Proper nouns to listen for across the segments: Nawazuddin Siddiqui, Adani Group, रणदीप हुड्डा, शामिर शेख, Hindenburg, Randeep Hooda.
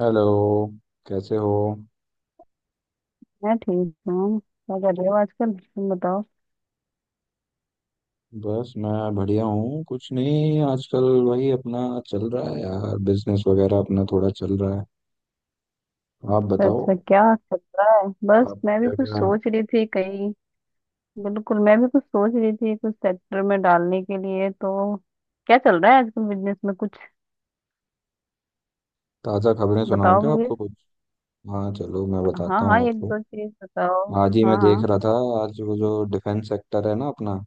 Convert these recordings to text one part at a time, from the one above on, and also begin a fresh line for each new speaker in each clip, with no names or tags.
Hello, कैसे हो?
मैं ठीक हूँ। क्या कर रहे हो आजकल तुम बताओ?
बस मैं बढ़िया हूँ। कुछ नहीं, आजकल वही अपना चल रहा है यार। बिजनेस वगैरह अपना थोड़ा चल रहा है। आप
अच्छा
बताओ
अच्छा। क्या चल रहा है? बस
आपने
मैं भी
क्या
कुछ
क्या?
सोच रही थी कहीं। बिल्कुल। मैं भी कुछ सोच रही थी कुछ सेक्टर में डालने के लिए, तो क्या चल रहा है आजकल बिजनेस में कुछ?
ताज़ा खबरें सुनाऊँ
बताओ
क्या
मुझे।
आपको कुछ? हाँ चलो मैं
हाँ
बताता
हाँ,
हूँ
एक
आपको।
दो चीज बताओ।
आज ही
हाँ
मैं देख
हाँ।
रहा था, आज वो जो डिफेंस सेक्टर है ना अपना,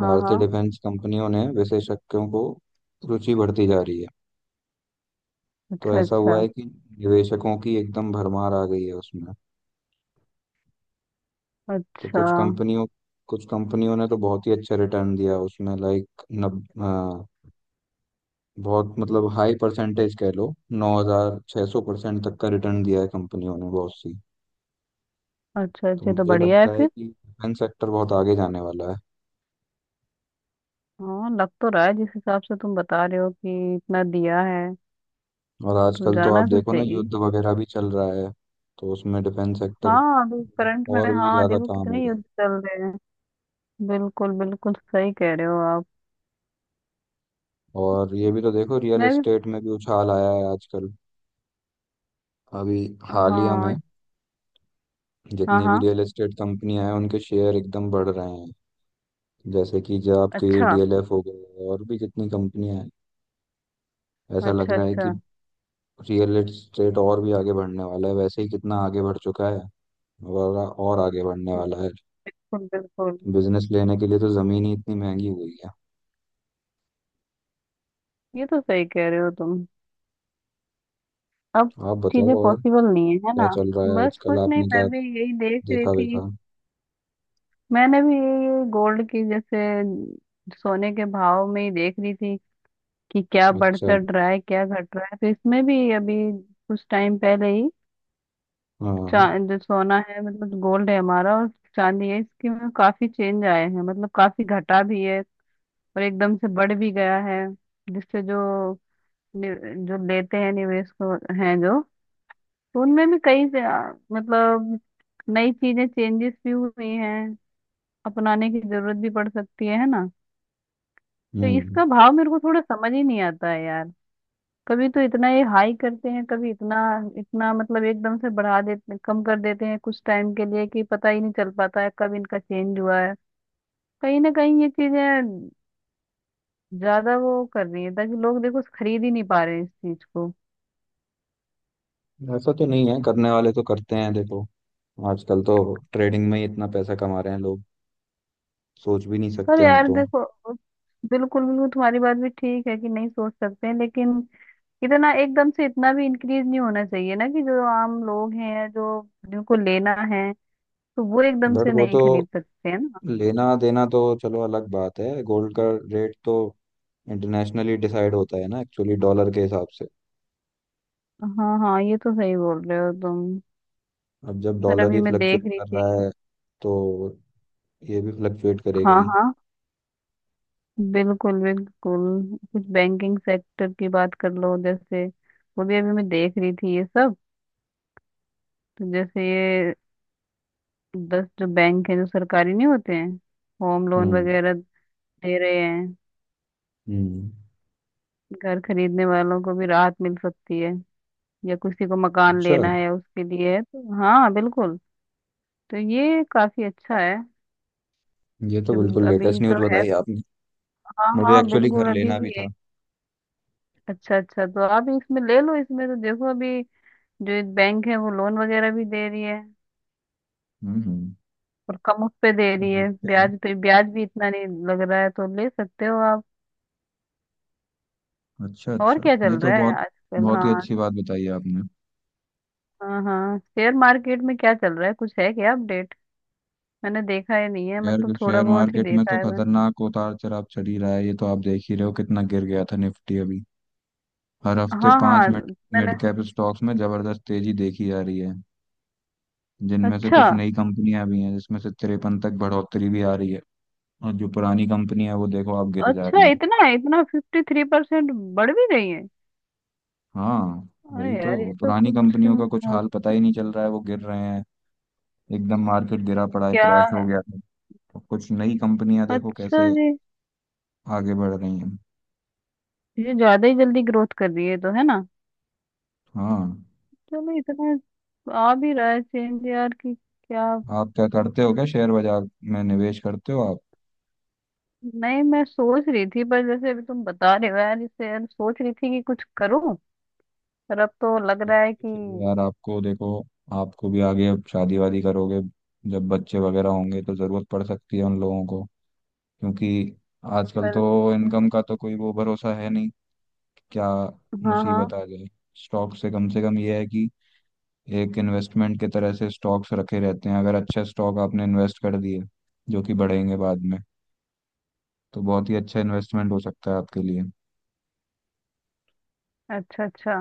हाँ हाँ।
डिफेंस कंपनियों ने विशेषज्ञों को रुचि बढ़ती जा रही है। तो
अच्छा
ऐसा हुआ
अच्छा।
है कि निवेशकों की एकदम भरमार आ गई है उसमें। तो
अच्छा
कुछ कंपनियों ने तो बहुत ही अच्छा रिटर्न दिया उसमें, लाइक बहुत मतलब हाई परसेंटेज कह लो, 9,600% तक का रिटर्न दिया है कंपनियों ने, बहुत सी।
अच्छा।
तो
अच्छा, तो
मुझे
बढ़िया है
लगता है
फिर।
कि डिफेंस सेक्टर बहुत आगे जाने वाला है।
हाँ, लग तो रहा है जिस हिसाब से तुम बता रहे हो कि इतना दिया है,
और
तो
आजकल तो
जाना
आप
तो
देखो ना,
चाहिए।
युद्ध वगैरह भी चल रहा है, तो उसमें डिफेंस सेक्टर
हाँ, अभी करंट में।
और भी
हाँ,
ज़्यादा
देखो
काम हो
कितने
रहा है।
युद्ध चल रहे हैं। बिल्कुल बिल्कुल, सही कह रहे हो आप।
और ये भी तो देखो, रियल
मैं भी।
एस्टेट में भी उछाल आया है आजकल, अभी हालिया में।
हाँ। हाँ
जितनी भी
हाँ।
रियल एस्टेट कंपनियां हैं उनके शेयर एकदम बढ़ रहे हैं, जैसे कि जो आपके
अच्छा।
डीएलएफ हो गए, और भी कितनी कंपनियां हैं। ऐसा लग
अच्छा
रहा है कि
अच्छा।
रियल एस्टेट और भी आगे बढ़ने वाला है, वैसे ही कितना आगे बढ़ चुका है और आगे बढ़ने वाला है।
बिल्कुल। बिल्कुल।
बिजनेस लेने के लिए तो जमीन ही इतनी महंगी हुई है।
ये तो सही कह रहे हो तुम। अब
आप बताओ
चीजें
और
पॉसिबल नहीं है, है ना?
क्या चल रहा है
बस
आजकल,
कुछ नहीं,
आपने
मैं
क्या
भी यही देख रही
देखा
थी।
वेखा?
मैंने भी ये गोल्ड की जैसे सोने के भाव में ही देख रही थी कि क्या बढ़
अच्छा।
चढ़ रहा है, क्या घट रहा है, तो इसमें भी अभी कुछ टाइम पहले ही
हाँ।
जो सोना है, मतलब गोल्ड है हमारा, और चांदी है, इसके में काफी चेंज आए हैं। मतलब काफी घटा भी है और एकदम से बढ़ भी गया है। जिससे जो जो लेते हैं निवेश को, हैं जो, तो उनमें भी कई से मतलब नई चीजें चेंजेस भी हुई हैं। अपनाने की जरूरत भी पड़ सकती है ना? तो
हम्म
इसका भाव मेरे को थोड़ा समझ ही नहीं आता है यार। कभी तो इतना ये हाई करते हैं, कभी इतना, इतना मतलब एकदम से बढ़ा देते, कम कर देते हैं कुछ टाइम के लिए, कि पता ही नहीं चल पाता है कब इनका चेंज हुआ है। कहीं ना कहीं ये चीजें ज्यादा वो कर रही है ताकि लोग देखो खरीद ही नहीं पा रहे हैं इस चीज को।
ऐसा तो नहीं है, करने वाले तो करते हैं देखो। आजकल तो ट्रेडिंग में ही इतना पैसा कमा रहे हैं लोग, सोच भी नहीं
पर
सकते हम
यार
तो।
देखो, बिल्कुल बिल्कुल तुम्हारी बात भी ठीक है कि नहीं सोच सकते हैं, लेकिन इतना एकदम से इतना भी इंक्रीज नहीं होना चाहिए ना, कि जो आम लोग हैं, जो जिनको लेना है तो वो एकदम
बट
से
वो
नहीं
तो
खरीद सकते हैं ना।
लेना देना तो चलो अलग बात है, गोल्ड का रेट तो इंटरनेशनली डिसाइड होता है ना एक्चुअली, डॉलर के हिसाब से।
हाँ हाँ, ये तो सही बोल रहे हो तुम।
अब जब
पर
डॉलर
अभी
ही
मैं देख
फ्लक्चुएट
रही
कर
थी।
रहा है तो ये भी फ्लक्चुएट करेगा
हाँ
ही।
हाँ, बिल्कुल बिल्कुल, कुछ बैंकिंग सेक्टर की बात कर लो जैसे, वो भी अभी मैं देख रही थी ये सब। तो जैसे ये 10 जो बैंक हैं जो सरकारी नहीं होते हैं, होम लोन
हम्म
वगैरह दे रहे हैं।
हम्म
घर खरीदने वालों को भी राहत मिल सकती है, या किसी को मकान
अच्छा,
लेना है उसके लिए है, तो हाँ बिल्कुल। तो ये काफी अच्छा है
ये तो
जो
बिल्कुल
अभी
लेटेस्ट न्यूज़
तो है।
बताई आपने।
हाँ
मुझे
हाँ,
एक्चुअली घर
बिल्कुल अभी
लेना भी
की है।
था।
अच्छा अच्छा, तो आप इसमें ले लो। इसमें तो देखो अभी जो एक बैंक है वो लोन वगैरह भी दे रही है,
हम्म।
और कम उस पे दे रही है,
देखते हैं।
ब्याज पे ब्याज भी इतना नहीं लग रहा है, तो ले सकते हो आप।
अच्छा
और
अच्छा,
क्या चल
ये तो
रहा है
बहुत
आजकल?
बहुत ही
हाँ।
अच्छी बात बताई है आपने।
हाँ हाँ, शेयर मार्केट में क्या चल रहा है, कुछ है क्या अपडेट? मैंने देखा ही नहीं है, मतलब
शेयर
थोड़ा
शेयर
बहुत ही
मार्केट में
देखा
तो
है मैंने।
खतरनाक उतार चढ़ाव चढ़ ही रहा है, ये तो आप देख ही रहे हो, कितना गिर गया था निफ्टी अभी। हर हफ्ते
हाँ
पांच
हाँ।
मिड
मैंने।
मिड कैप स्टॉक्स में जबरदस्त तेजी देखी जा रही है, जिनमें से
अच्छा
कुछ नई कंपनियां भी हैं, जिसमें से 53 तक बढ़ोतरी भी आ रही है। और जो पुरानी कंपनी है वो देखो आप गिर जा
अच्छा,
रही हैं।
इतना इतना 53% बढ़ भी गई है।
हाँ, वही
अरे यार, ये
तो
तो
पुरानी
कुछ
कंपनियों का कुछ
अ,
हाल पता ही नहीं चल रहा है, वो गिर रहे हैं। एकदम मार्केट गिरा पड़ा है,
क्या
क्रैश
है।
हो गया है। तो कुछ नई कंपनियां देखो
अच्छा
कैसे
जी।
आगे बढ़ रही हैं।
ये ज्यादा ही जल्दी ग्रोथ कर रही है तो, है ना?
हाँ।
चलो, इतना आ भी रहा है चेंज यार कि क्या।
आप क्या करते हो, क्या शेयर बाजार में निवेश करते हो आप?
नहीं, मैं सोच रही थी पर जैसे अभी तुम बता रहे हो यार, इससे यार सोच रही थी कि कुछ करूं। पर अब तो लग रहा है कि
चाहिए यार आपको देखो, आपको भी आगे, अब शादी वादी करोगे, जब बच्चे वगैरह होंगे तो ज़रूरत पड़ सकती है उन लोगों को। क्योंकि आजकल
पर।
तो इनकम का तो कोई वो भरोसा है नहीं कि क्या
हाँ हाँ।
मुसीबत आ जाए। स्टॉक से कम ये है कि एक इन्वेस्टमेंट की तरह से स्टॉक्स रखे रहते हैं। अगर अच्छे स्टॉक आपने इन्वेस्ट कर दिए जो कि बढ़ेंगे बाद में, तो बहुत ही अच्छा इन्वेस्टमेंट हो सकता है आपके लिए।
अच्छा अच्छा।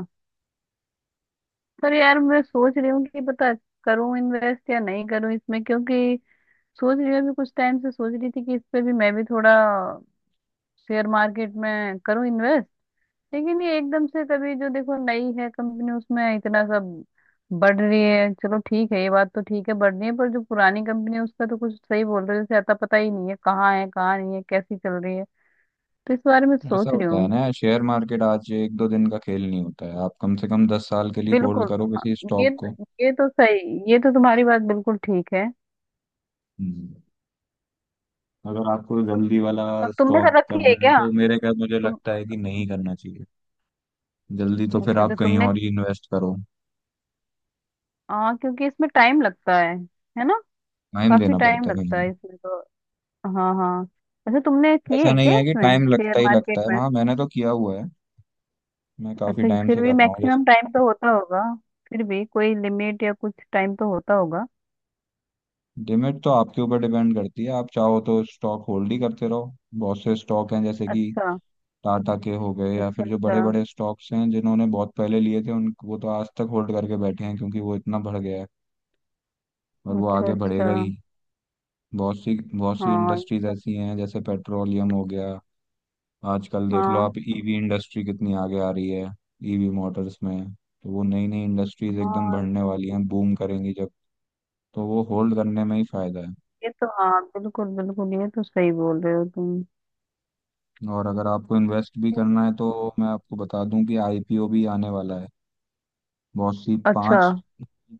पर यार मैं सोच रही हूँ कि पता करूं इन्वेस्ट या नहीं करूं इसमें, क्योंकि सोच रही हूँ अभी कुछ टाइम से सोच रही थी कि इस पे भी मैं भी थोड़ा शेयर मार्केट में करूं इन्वेस्ट। लेकिन ये एकदम से कभी जो देखो नई है कंपनी उसमें इतना सब बढ़ रही है, चलो ठीक है, ये बात तो ठीक है, बढ़ रही है पर जो पुरानी कंपनी है उसका तो कुछ, सही बोल रहे हो जैसे, आता पता ही नहीं है कहाँ है कहाँ नहीं है कैसी चल रही है। तो इस बारे में
ऐसा
सोच रही
होता है
हूँ।
ना, शेयर मार्केट आज एक दो दिन का खेल नहीं होता है। आप कम से कम 10 साल के लिए होल्ड
बिल्कुल।
करो
हाँ।
किसी
ये
स्टॉक को।
ये तो सही, ये तो तुम्हारी बात बिल्कुल ठीक है।
हम्म। अगर आपको जल्दी वाला
और तुमने
स्टॉक
कर रखी है
करना है
क्या?
तो मेरे ख्याल मुझे
तुम।
लगता है कि नहीं करना चाहिए। जल्दी तो फिर
अच्छा
आप
अच्छा,
कहीं
तुमने।
और ही इन्वेस्ट करो,
हाँ, क्योंकि इसमें टाइम लगता है ना?
टाइम
काफी
देना
टाइम
पड़ता है
लगता
कहीं।
है इसमें तो। हाँ हाँ। अच्छा, तुमने किए
ऐसा
है क्या
नहीं है कि
इसमें
टाइम
शेयर
लगता ही
मार्केट
लगता है।
में?
हाँ, मैंने तो किया हुआ है, मैं काफी
अच्छा, कि
टाइम
फिर
से कर
भी
रहा हूँ
मैक्सिमम
जैसे।
टाइम तो होता होगा। फिर भी कोई लिमिट या कुछ टाइम तो होता होगा।
लिमिट तो आपके ऊपर डिपेंड करती है। आप चाहो तो स्टॉक होल्ड ही करते रहो। बहुत से स्टॉक हैं जैसे कि
अच्छा।
टाटा के हो गए, या
अच्छा
फिर जो
अच्छा।
बड़े बड़े स्टॉक्स हैं जिन्होंने बहुत पहले लिए थे उनको, वो तो आज तक होल्ड करके बैठे हैं क्योंकि वो इतना बढ़ गया है और वो
अच्छा
आगे
अच्छा।
बढ़ेगा ही। बहुत सी
हाँ
इंडस्ट्रीज ऐसी हैं, जैसे पेट्रोलियम हो गया, आजकल देख लो
हाँ।
आप ईवी इंडस्ट्री कितनी आगे आ रही है। ईवी मोटर्स में तो वो नई नई इंडस्ट्रीज एकदम
हाँ।
बढ़ने वाली हैं, बूम करेंगी जब, तो वो होल्ड करने में ही फायदा है।
ये तो हाँ, बिल्कुल बिल्कुल ये तो सही बोल रहे हो तुम।
और अगर आपको इन्वेस्ट भी करना है तो मैं आपको बता दूं कि आईपीओ भी आने वाला है। बहुत सी
अच्छा।
5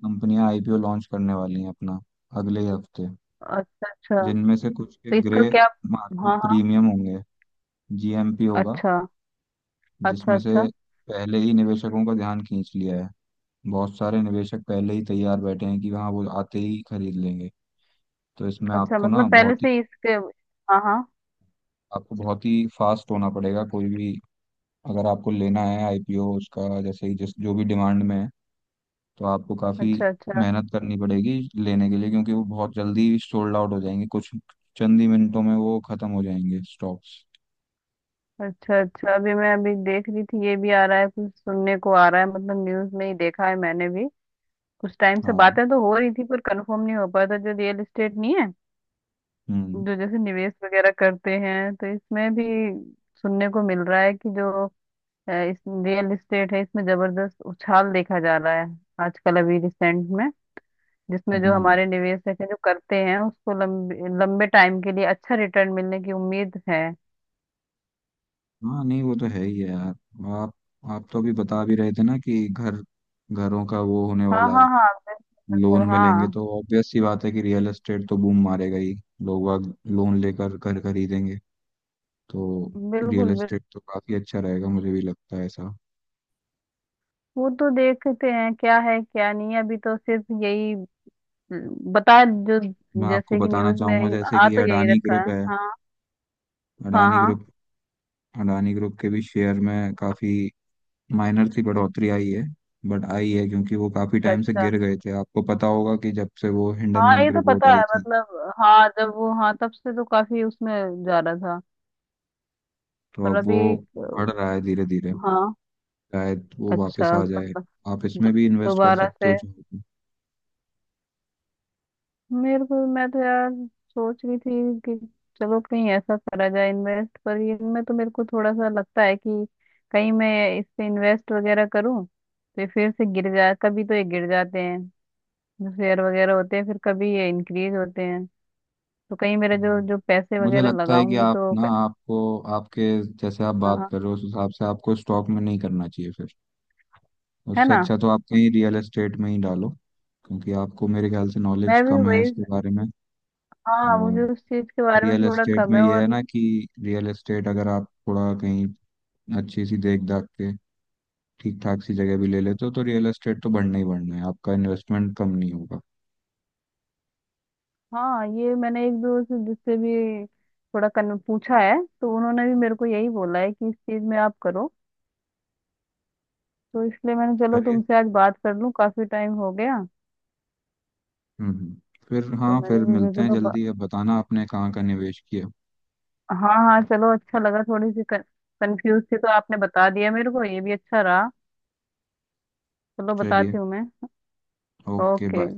कंपनियां आईपीओ लॉन्च करने वाली हैं अपना, अगले ही हफ्ते।
अच्छा अच्छा।
जिनमें से कुछ के
तो
ग्रे
इसका क्या?
मार्केट
हाँ हाँ।
प्रीमियम होंगे, जीएमपी होगा।
अच्छा। अच्छा
जिसमें से
अच्छा।
पहले ही निवेशकों का ध्यान खींच लिया है, बहुत सारे निवेशक पहले ही तैयार बैठे हैं कि हाँ वो आते ही खरीद लेंगे। तो इसमें
अच्छा मतलब पहले से इसके, हाँ हाँ।
आपको बहुत ही फास्ट होना पड़ेगा। कोई भी अगर आपको लेना है आईपीओ उसका, जैसे ही जिस, जो भी डिमांड में है, तो आपको काफ़ी
अच्छा। अच्छा
मेहनत करनी पड़ेगी लेने के लिए, क्योंकि वो बहुत जल्दी सोल्ड आउट हो जाएंगे। कुछ चंद ही मिनटों में वो खत्म हो जाएंगे स्टॉक्स।
अच्छा। अच्छा। अभी मैं अभी देख रही थी, ये भी आ रहा है, कुछ सुनने को आ रहा है, मतलब न्यूज में ही देखा है मैंने भी। कुछ टाइम से
हाँ।
बातें तो हो रही थी पर कंफर्म नहीं हो पाया था जो रियल एस्टेट नहीं है।
हम्म
जो जैसे निवेश वगैरह करते हैं, तो इसमें भी सुनने को मिल रहा है कि जो इस रियल एस्टेट है, इसमें जबरदस्त उछाल देखा जा रहा है आजकल अभी रिसेंट में। जिसमें जो
हम्म।
हमारे निवेशक हैं जो करते हैं उसको लंबे लंबे टाइम के लिए अच्छा रिटर्न मिलने की उम्मीद है।
हाँ नहीं, वो तो है ही है यार। आप तो अभी बता भी रहे थे ना कि घर घरों का वो होने
हाँ
वाला है,
हाँ हाँ, बिल्कुल
लोन मिलेंगे,
हाँ।
तो ऑब्वियस सी बात है कि रियल एस्टेट तो बूम मारेगा ही। लोग बाग लोन लेकर घर खरीदेंगे, तो रियल
बिल्कुल बिल्कुल।
एस्टेट तो काफी अच्छा रहेगा, मुझे भी लगता है ऐसा।
वो तो देखते हैं क्या है क्या नहीं है, अभी तो सिर्फ यही बता, जो
मैं आपको
जैसे कि
बताना
न्यूज में
चाहूंगा, जैसे
आ
कि
तो यही
अडानी
रखा है,
ग्रुप है।
हाँ। हाँ
अडानी
हाँ।
ग्रुप अडानी ग्रुप के भी शेयर में काफी माइनर सी बढ़ोतरी आई है। बट आई है, क्योंकि वो काफी
अच्छा
टाइम से
अच्छा।
गिर गए थे। आपको पता होगा कि जब से वो
हाँ,
हिंडनबर्ग
ये तो
रिपोर्ट
पता
आई
है,
थी,
मतलब हाँ जब वो, हाँ तब से तो काफी उसमें जा रहा था।
तो
पर
अब वो
अभी
बढ़ रहा है धीरे धीरे,
हाँ।
शायद वो वापस
अच्छा
आ जाए।
मतलब
आप इसमें
दो-
भी इन्वेस्ट कर
दोबारा
सकते
से।
हो चाहो तो।
मेरे को, मैं तो यार सोच रही थी कि चलो कहीं ऐसा करा जाए इन्वेस्ट, पर इनमें तो मेरे को थोड़ा सा लगता है कि कहीं मैं इस पे इन्वेस्ट वगैरह करूं तो ये फिर से गिर जाए, कभी तो ये गिर जाते हैं जो शेयर वगैरह होते हैं, फिर कभी ये इंक्रीज होते हैं। तो कहीं मेरे जो
हम्म।
जो पैसे
मुझे
वगैरह
लगता है कि
लगाऊंगी
आप
तो
ना आपको आपके जैसे आप बात
हाँ,
कर रहे हो उस हिसाब से आपको स्टॉक में नहीं करना चाहिए फिर।
है
उससे
ना?
अच्छा तो आप कहीं रियल एस्टेट में ही डालो, क्योंकि आपको मेरे ख्याल से नॉलेज
मैं भी
कम है
वही।
इसके बारे में।
हाँ, मुझे
और
उस चीज के बारे में
रियल
थोड़ा
एस्टेट
कम
में
है
यह है
और
ना कि रियल एस्टेट अगर आप थोड़ा कहीं अच्छी सी देख दाख के ठीक ठाक सी जगह भी ले लेते हो, तो रियल एस्टेट तो बढ़ना ही बढ़ना है, आपका इन्वेस्टमेंट कम नहीं होगा।
हाँ, ये मैंने एक दो से जिससे भी थोड़ा कन पूछा है, तो उन्होंने भी मेरे को यही बोला है कि इस चीज में आप करो। तो इसलिए मैंने चलो
करिए।
तुमसे आज बात कर लूं, काफी टाइम हो गया।
हम्म हम्म। फिर
तो
हाँ,
मैंने
फिर
सोचा
मिलते हैं
चलो
जल्दी। अब बताना आपने कहाँ का निवेश किया।
हाँ हाँ, चलो, अच्छा लगा। थोड़ी सी कंफ्यूज थी तो आपने बता दिया मेरे को, ये भी अच्छा रहा। चलो बताती
चलिए,
हूँ मैं।
Okay
okay.
बाय।